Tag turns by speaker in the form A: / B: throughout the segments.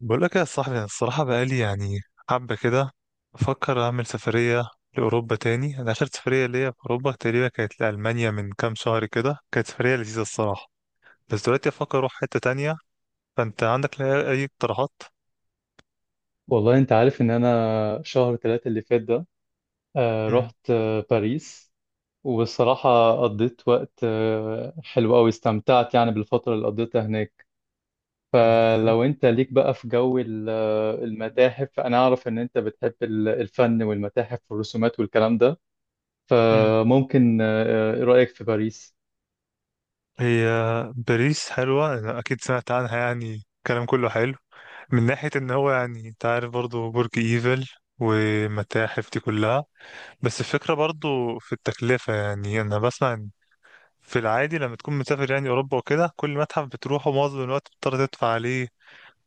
A: بقول لك يا صاحبي، أنا الصراحة بقالي حبة كده بفكر أعمل سفرية لأوروبا تاني. أنا آخر سفرية ليا في أوروبا تقريبا كانت لألمانيا من كام شهر كده. كانت سفرية لذيذة الصراحة. بس دلوقتي أفكر أروح حتة تانية. فأنت عندك أي اقتراحات؟
B: والله انت عارف ان انا شهر ثلاثة اللي فات ده،
A: مم.
B: رحت باريس. والصراحة قضيت وقت حلو قوي، استمتعت يعني بالفترة اللي قضيتها هناك. فلو انت ليك بقى في جو المتاحف، انا اعرف ان انت بتحب الفن والمتاحف والرسومات والكلام ده،
A: مم.
B: فممكن ايه رأيك في باريس؟
A: هي باريس حلوة، أنا أكيد سمعت عنها، يعني الكلام كله حلو، من ناحية إن هو يعني أنت عارف برضه برج إيفل والمتاحف دي كلها. بس الفكرة برضو في التكلفة. يعني أنا بسمع في العادي لما تكون مسافر يعني أوروبا وكده، كل متحف بتروحه معظم الوقت بتضطر تدفع عليه،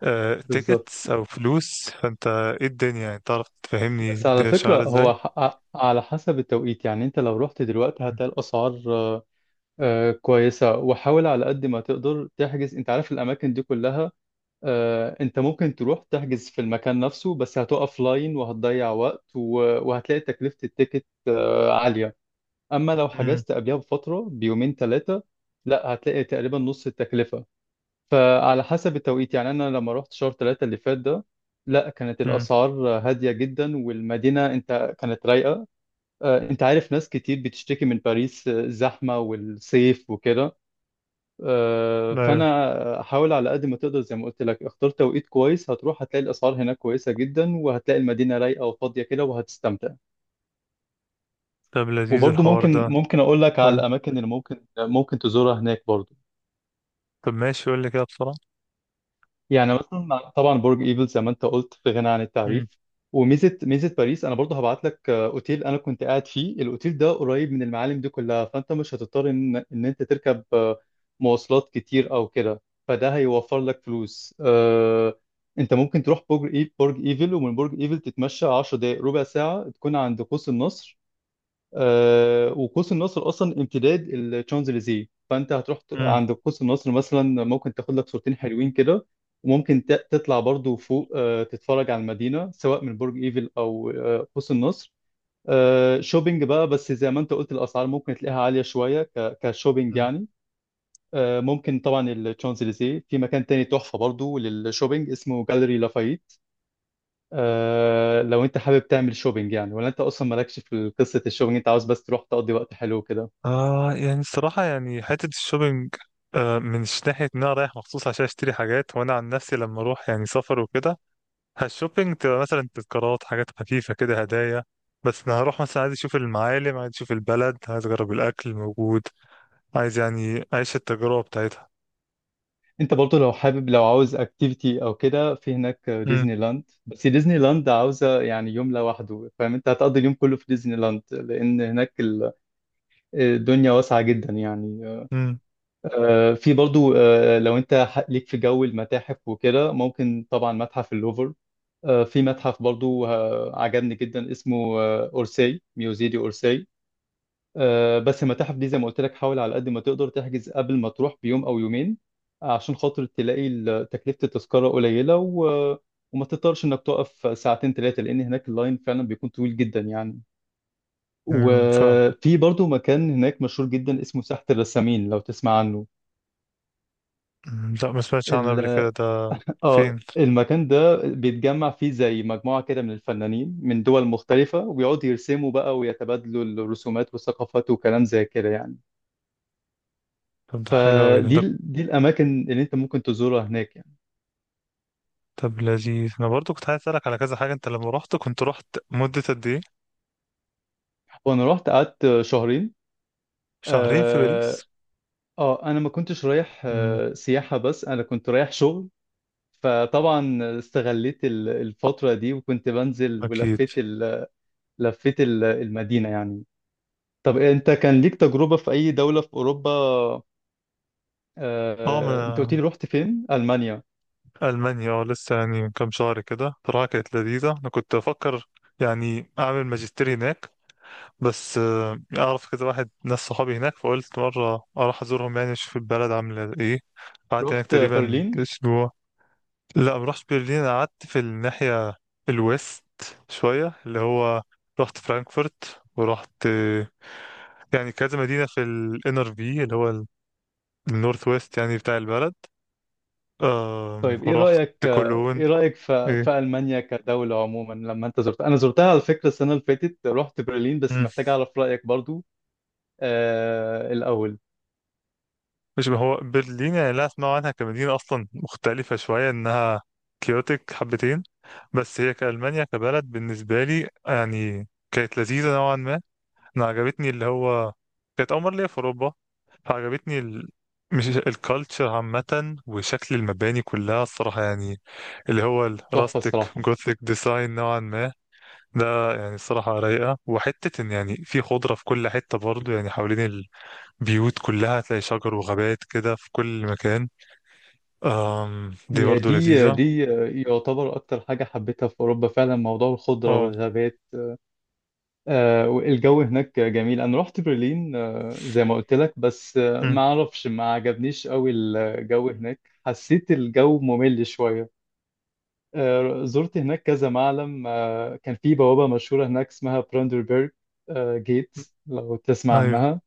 A: آه،
B: بالظبط.
A: تيكتس أو فلوس. فأنت إيه الدنيا، يعني تعرف تفهمني
B: بس على
A: الدنيا
B: فكرة
A: شغالة إزاي؟
B: هو على حسب التوقيت يعني، انت لو رحت دلوقتي هتلاقي الأسعار كويسة، وحاول على قد ما تقدر تحجز. انت عارف الأماكن دي كلها، آه، انت ممكن تروح تحجز في المكان نفسه، بس هتقف لاين وهتضيع وقت وهتلاقي تكلفة التيكت آه عالية. أما لو
A: امم
B: حجزت قبلها بفترة بيومين ثلاثة، لا هتلاقي تقريبا نص التكلفة. فعلى حسب التوقيت يعني، أنا لما رحت شهر ثلاثة اللي فات ده، لا كانت
A: امم
B: الأسعار هادية جدا والمدينة انت كانت رايقة. آه، انت عارف ناس كتير بتشتكي من باريس، الزحمة والصيف وكده.
A: أيوه،
B: فانا حاول على قد ما تقدر زي ما قلت لك، اختار توقيت كويس، هتروح هتلاقي الاسعار هناك كويسه جدا، وهتلاقي المدينه رايقه وفاضيه كده وهتستمتع.
A: طب لذيذ
B: وبرضه
A: الحوار
B: ممكن
A: ده.
B: ممكن اقول لك على
A: قول.
B: الاماكن اللي ممكن تزورها هناك برضه.
A: طب ماشي، قول لي كده بسرعة.
B: يعني مثلا طبعا برج ايفل، زي ما انت قلت، في غنى عن
A: امم
B: التعريف. وميزه ميزه باريس، انا برضه هبعت لك اوتيل انا كنت قاعد فيه، الاوتيل ده قريب من المعالم دي كلها، فانت مش هتضطر ان ان انت تركب مواصلات كتير او كده. فده هيوفر لك فلوس. انت ممكن تروح برج ايفل، ومن برج ايفل تتمشى 10 دقائق ربع ساعه تكون عند قوس النصر. وقوس النصر اصلا امتداد الشانزليزيه، فانت هتروح
A: امم
B: عند قوس النصر، مثلا ممكن تاخد لك صورتين حلوين كده. وممكن تطلع برضو فوق تتفرج على المدينه، سواء من برج ايفل او قوس النصر. شوبينج بقى، بس زي ما انت قلت الاسعار ممكن تلاقيها عاليه شويه كشوبينج
A: أمم.
B: يعني. ممكن طبعا الشانزليزيه، في مكان تاني تحفه برضو للشوبينج اسمه جاليري لافايت. لو انت حابب تعمل شوبينج يعني، ولا انت اصلا مالكش في قصه الشوبينج، انت عاوز بس تروح تقضي وقت حلو كده.
A: آه، يعني الصراحة يعني حتة الشوبينج، آه، مش ناحية إن أنا رايح مخصوص عشان أشتري حاجات. وأنا عن نفسي لما أروح يعني سفر وكده، الشوبينج تبقى مثلا تذكارات، حاجات خفيفة كده، هدايا. بس أنا هروح مثلا عايز أشوف المعالم، عايز أشوف البلد، عايز أجرب الأكل الموجود، عايز يعني أعيش التجربة بتاعتها.
B: انت برضه لو حابب لو عاوز اكتيفيتي او كده، في هناك
A: امم
B: ديزني لاند، بس ديزني لاند عاوزه يعني يوم لوحده، فاهم، انت هتقضي اليوم كله في ديزني لاند، لان هناك الدنيا واسعه جدا يعني.
A: امم
B: في برضه، لو انت ليك في جو المتاحف وكده، ممكن طبعا متحف اللوفر. في متحف برضه عجبني جدا، اسمه اورسي، ميوزيدي اورسي. بس المتاحف دي زي ما قلت لك، حاول على قد ما تقدر تحجز قبل ما تروح بيوم او يومين، عشان خاطر تلاقي تكلفة التذكرة قليلة وما تضطرش انك تقف ساعتين ثلاثة، لان هناك اللاين فعلا بيكون طويل جدا يعني.
A: ف
B: وفي برضو مكان هناك مشهور جدا اسمه ساحة الرسامين، لو تسمع عنه.
A: مم. لا، ما سمعتش عنه
B: ال...
A: قبل كده ده.
B: اه،
A: فين؟
B: المكان ده بيتجمع فيه زي مجموعة كده من الفنانين من دول مختلفة، وبيقعدوا يرسموا بقى ويتبادلوا الرسومات والثقافات وكلام زي كده يعني.
A: طب ده حلو أوي، ده
B: دي الاماكن اللي انت ممكن تزورها هناك يعني.
A: طب لذيذ. أنا برضو كنت عايز أسألك على كذا حاجة. أنت لما رحت كنت رحت مدة قد إيه؟
B: وانا رحت قعدت شهرين.
A: شهرين في
B: اه،
A: باريس؟
B: آه انا ما كنتش رايح
A: امم.
B: آه سياحة، بس انا كنت رايح شغل. فطبعا استغليت الفترة دي، وكنت بنزل
A: أكيد.
B: ولفيت المدينة يعني. طب انت كان ليك تجربة في اي دولة في اوروبا؟
A: اه
B: آه انت قلت
A: ما
B: لي رحت فين، المانيا؟
A: ألمانيا، اه، لسه يعني من كام شهر كده. بصراحة كانت لذيذة. أنا كنت أفكر يعني أعمل ماجستير هناك، بس أعرف كده واحد ناس صحابي هناك، فقلت مرة أروح أزورهم يعني أشوف البلد عاملة إيه. قعدت هناك
B: رحت
A: تقريبا
B: برلين؟
A: أسبوع. لا ما رحتش برلين، أنا قعدت في الناحية الويست شوية، اللي هو رحت فرانكفورت، ورحت يعني كذا مدينة في الانر، في اللي هو النورث ويست يعني بتاع البلد.
B: طيب ايه
A: ورحت
B: رأيك
A: كولون.
B: ايه رأيك في
A: إيه؟
B: ألمانيا كدولة عموما لما انت زرتها؟ انا زرتها على فكرة السنة اللي فاتت، رحت برلين، بس محتاج اعرف رأيك برضو. آه، الأول،
A: مش هو برلين يعني، لا، اسمع عنها كمدينة أصلا مختلفة شوية، إنها كيوتك حبتين. بس هي كألمانيا كبلد بالنسبة لي يعني كانت لذيذة نوعا ما. أنا عجبتني اللي هو، كانت أول مرة ليا في أوروبا، فعجبتني ال... مش الكالتشر عامة وشكل المباني كلها الصراحة، يعني اللي هو
B: تحفة
A: الراستيك
B: الصراحة.
A: جوثيك ديزاين نوعا ما. ده يعني الصراحة رايقة، وحتة إن يعني في خضرة في كل حتة برضو، يعني حوالين بيوت كلها هتلاقي شجر وغابات كده في كل مكان. أم، دي
B: هي
A: برضو
B: دي
A: لذيذة.
B: دي يعتبر اكتر حاجة حبيتها في أوروبا فعلا، موضوع الخضرة
A: اه.
B: والغابات. آه، والجو هناك جميل. انا رحت برلين آه زي ما قلت لك، بس آه
A: أمم.
B: ما اعرفش، ما عجبنيش قوي الجو هناك. حسيت الجو ممل شوية. زرت هناك كذا معلم، كان في بوابة مشهورة هناك اسمها براندربيرج جيت، لو تسمع
A: ايوه.
B: عنها.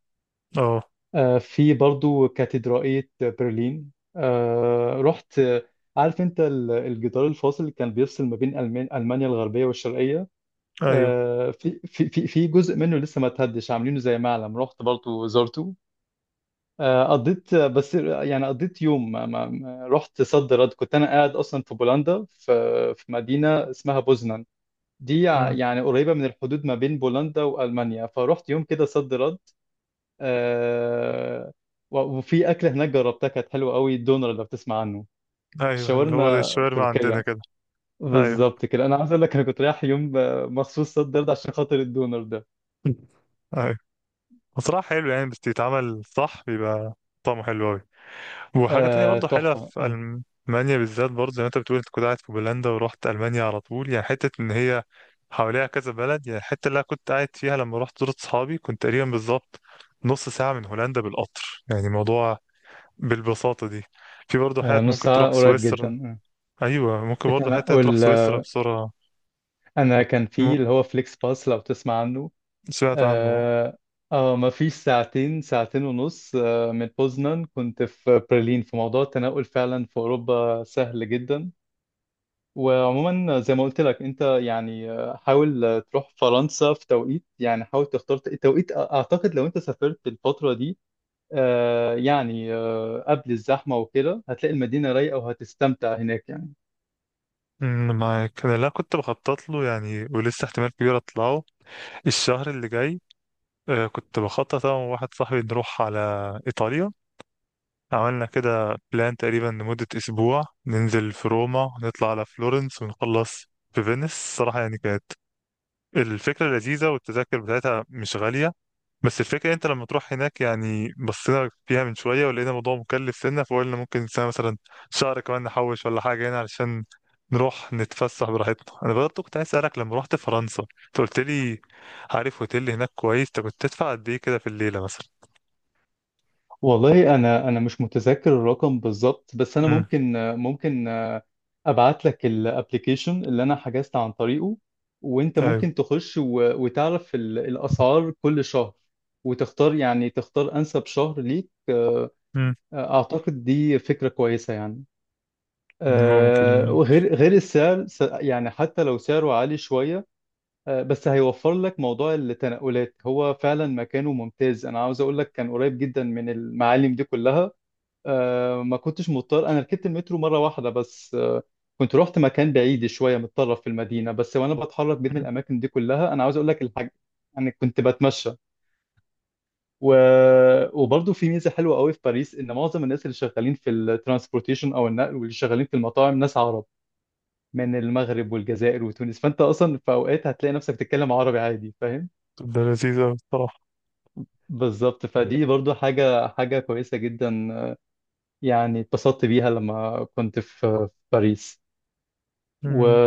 A: اه.
B: في برضو كاتدرائية برلين. آه، رحت آه، عارف انت الجدار الفاصل اللي كان بيفصل ما بين ألمانيا الغربية والشرقية؟
A: ايوه.
B: في جزء منه لسه ما اتهدش، عاملينه زي معلم، رحت برضو زرته. قضيت بس يعني قضيت يوم، رحت صد رد. كنت انا قاعد اصلا في بولندا، في مدينة اسمها بوزنان، دي
A: أمم.
B: يعني قريبة من الحدود ما بين بولندا وألمانيا، فرحت يوم كده صد رد. آه، وفي أكلة هناك جربتها كانت حلوة قوي، الدونر، لو بتسمع عنه.
A: ايوه، اللي هو ده
B: الشاورما
A: الشاورما عندنا
B: تركية
A: كده. ايوه.
B: بالظبط كده. أنا عايز أقول لك أنا كنت رايح يوم مخصوص صد رد عشان خاطر الدونر ده.
A: ايوه. بصراحة حلو يعني، بس يتعمل صح بيبقى طعمه حلو أوي. وحاجة تانية
B: آه،
A: برضه حلوة
B: تحفة
A: في
B: آه.
A: ألمانيا بالذات، برضه زي ما انت بتقول، انت كنت قاعد في بولندا ورحت ألمانيا على طول، يعني حتة ان هي حواليها كذا بلد. يعني الحتة اللي أنا كنت قاعد فيها لما رحت زرت صحابي كنت تقريبا بالظبط نص ساعة من هولندا بالقطر، يعني موضوع بالبساطة دي. في برضه
B: آه،
A: حتت
B: نص
A: ممكن
B: ساعة
A: تروح
B: قريب جدا
A: سويسرا.
B: آه.
A: أيوة، ممكن برضه
B: أنا
A: حتة تروح
B: أقول،
A: سويسرا بسرعة.
B: أنا كان
A: م...
B: في اللي هو فليكس باس، لو تسمع عنه.
A: سمعت عنه.
B: اه. ما فيش ساعتين، ساعتين ونص من بوزنان كنت في برلين. في موضوع التنقل فعلا في أوروبا سهل جدا. وعموما زي ما قلت لك انت يعني، حاول تروح فرنسا في توقيت يعني، حاول تختار التوقيت. اعتقد لو انت سافرت الفترة دي قبل الزحمة وكده، هتلاقي المدينة رايقة وهتستمتع هناك يعني.
A: أمم، معاك. أنا لا كنت بخطط له يعني، ولسه احتمال كبير أطلعه الشهر اللي جاي. آه، كنت بخطط أنا وواحد صاحبي نروح على إيطاليا. عملنا كده بلان تقريبا لمدة أسبوع، ننزل في روما، نطلع على فلورنس، ونخلص في فينيس. الصراحة يعني كانت الفكرة لذيذة، والتذاكر بتاعتها مش غالية. بس الفكرة أنت لما تروح هناك يعني، بصينا فيها من شوية ولقينا الموضوع مكلف سنة، فقلنا ممكن سنة مثلا شهر كمان نحوش ولا حاجة هنا علشان نروح نتفسح براحتنا. أنا برضه كنت عايز أسألك لما روحت فرنسا أنت قلت لي عارف هوتيل هناك كويس، أنت كنت تدفع قد إيه كده في الليلة مثلا؟
B: والله انا، مش متذكر الرقم بالظبط، بس انا
A: امم.
B: ممكن ابعت لك الابلكيشن اللي انا حجزت عن طريقه، وانت
A: أيوه.
B: ممكن تخش وتعرف الاسعار كل شهر، وتختار يعني تختار انسب شهر ليك.
A: امم.
B: اعتقد دي فكرة كويسة يعني.
A: ممكن.
B: وغير غير السعر، يعني حتى لو سعره عالي شوية، بس هيوفر لك موضوع التنقلات. هو فعلا مكانه ممتاز، انا عاوز اقول لك كان قريب جدا من المعالم دي كلها. ما كنتش مضطر، انا ركبت المترو مره واحده بس، كنت رحت مكان بعيد شويه متطرف في المدينه بس، وانا بتحرك بين الاماكن دي كلها انا عاوز اقول لك الحاجه، انا كنت بتمشى و... وبرضه في ميزه حلوه قوي في باريس، ان معظم الناس اللي شغالين في الترانسبورتيشن او النقل، واللي شغالين في المطاعم، ناس عرب من المغرب والجزائر وتونس، فانت اصلا في اوقات هتلاقي نفسك بتتكلم عربي عادي، فاهم.
A: ده لذيذ أوي الصراحة.
B: بالظبط. فدي برضه حاجه كويسه جدا، يعني اتبسطت بيها لما كنت في باريس. و...
A: مم.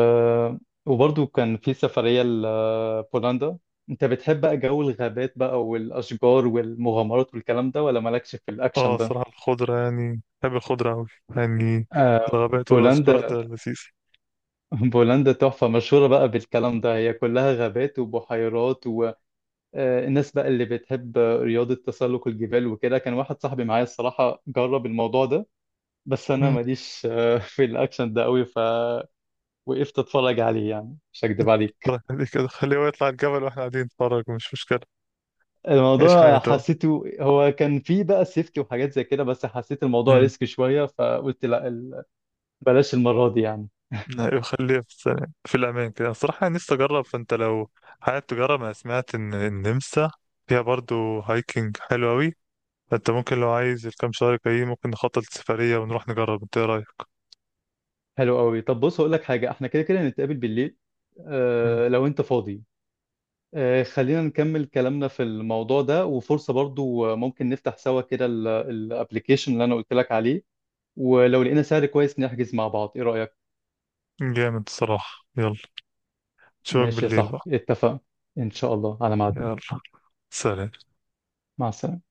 B: وبرضو كان في سفرية لبولندا. انت بتحب بقى جو الغابات بقى والأشجار والمغامرات والكلام ده، ولا مالكش في
A: اه
B: الأكشن ده؟
A: الصراحة الخضرة، يعني بحب الخضرة أوي يعني.
B: آه.
A: الغابات والأشجار ده
B: بولندا
A: لذيذ.
B: بولندا تحفة مشهورة بقى بالكلام ده، هي كلها غابات وبحيرات. والناس بقى اللي بتحب رياضة تسلق الجبال وكده، كان واحد صاحبي معايا الصراحة جرب الموضوع ده، بس أنا
A: مم.
B: ماليش في الأكشن ده قوي، فوقفت أتفرج عليه يعني، مش هكدب عليك.
A: الله يخليك، كده خليه هو يطلع الجبل واحنا قاعدين نتفرج، مش مشكلة. عيش
B: الموضوع
A: حياته.
B: حسيته، هو كان فيه بقى سيفتي وحاجات زي كده، بس حسيت الموضوع
A: امم.
B: ريسك شوية، فقلت لا بلاش المرة دي يعني.
A: ايوه، خليه في في الأمان كده. الصراحة أنا نفسي أجرب، فأنت لو حابب تجرب، أنا سمعت إن النمسا فيها برضو هايكنج حلو أوي. فأنت ممكن لو عايز الكام شهر الجايين ممكن نخطط سفرية ونروح نجرب. أنت إيه رأيك؟
B: حلو قوي. طب بص هقول لك حاجة، احنا كده كده نتقابل بالليل
A: مم.
B: آه لو انت فاضي، آه خلينا نكمل كلامنا في الموضوع ده، وفرصة برضو ممكن نفتح سوا كده الابليكيشن اللي انا قلت لك عليه، ولو لقينا سعر كويس نحجز مع بعض، ايه رأيك؟
A: جامد الصراحة، يلا، نشوفك
B: ماشي يا
A: بالليل بقى.
B: صاحبي، اتفقنا، ان شاء الله على ميعادنا.
A: يلا، سلام.
B: مع السلامة.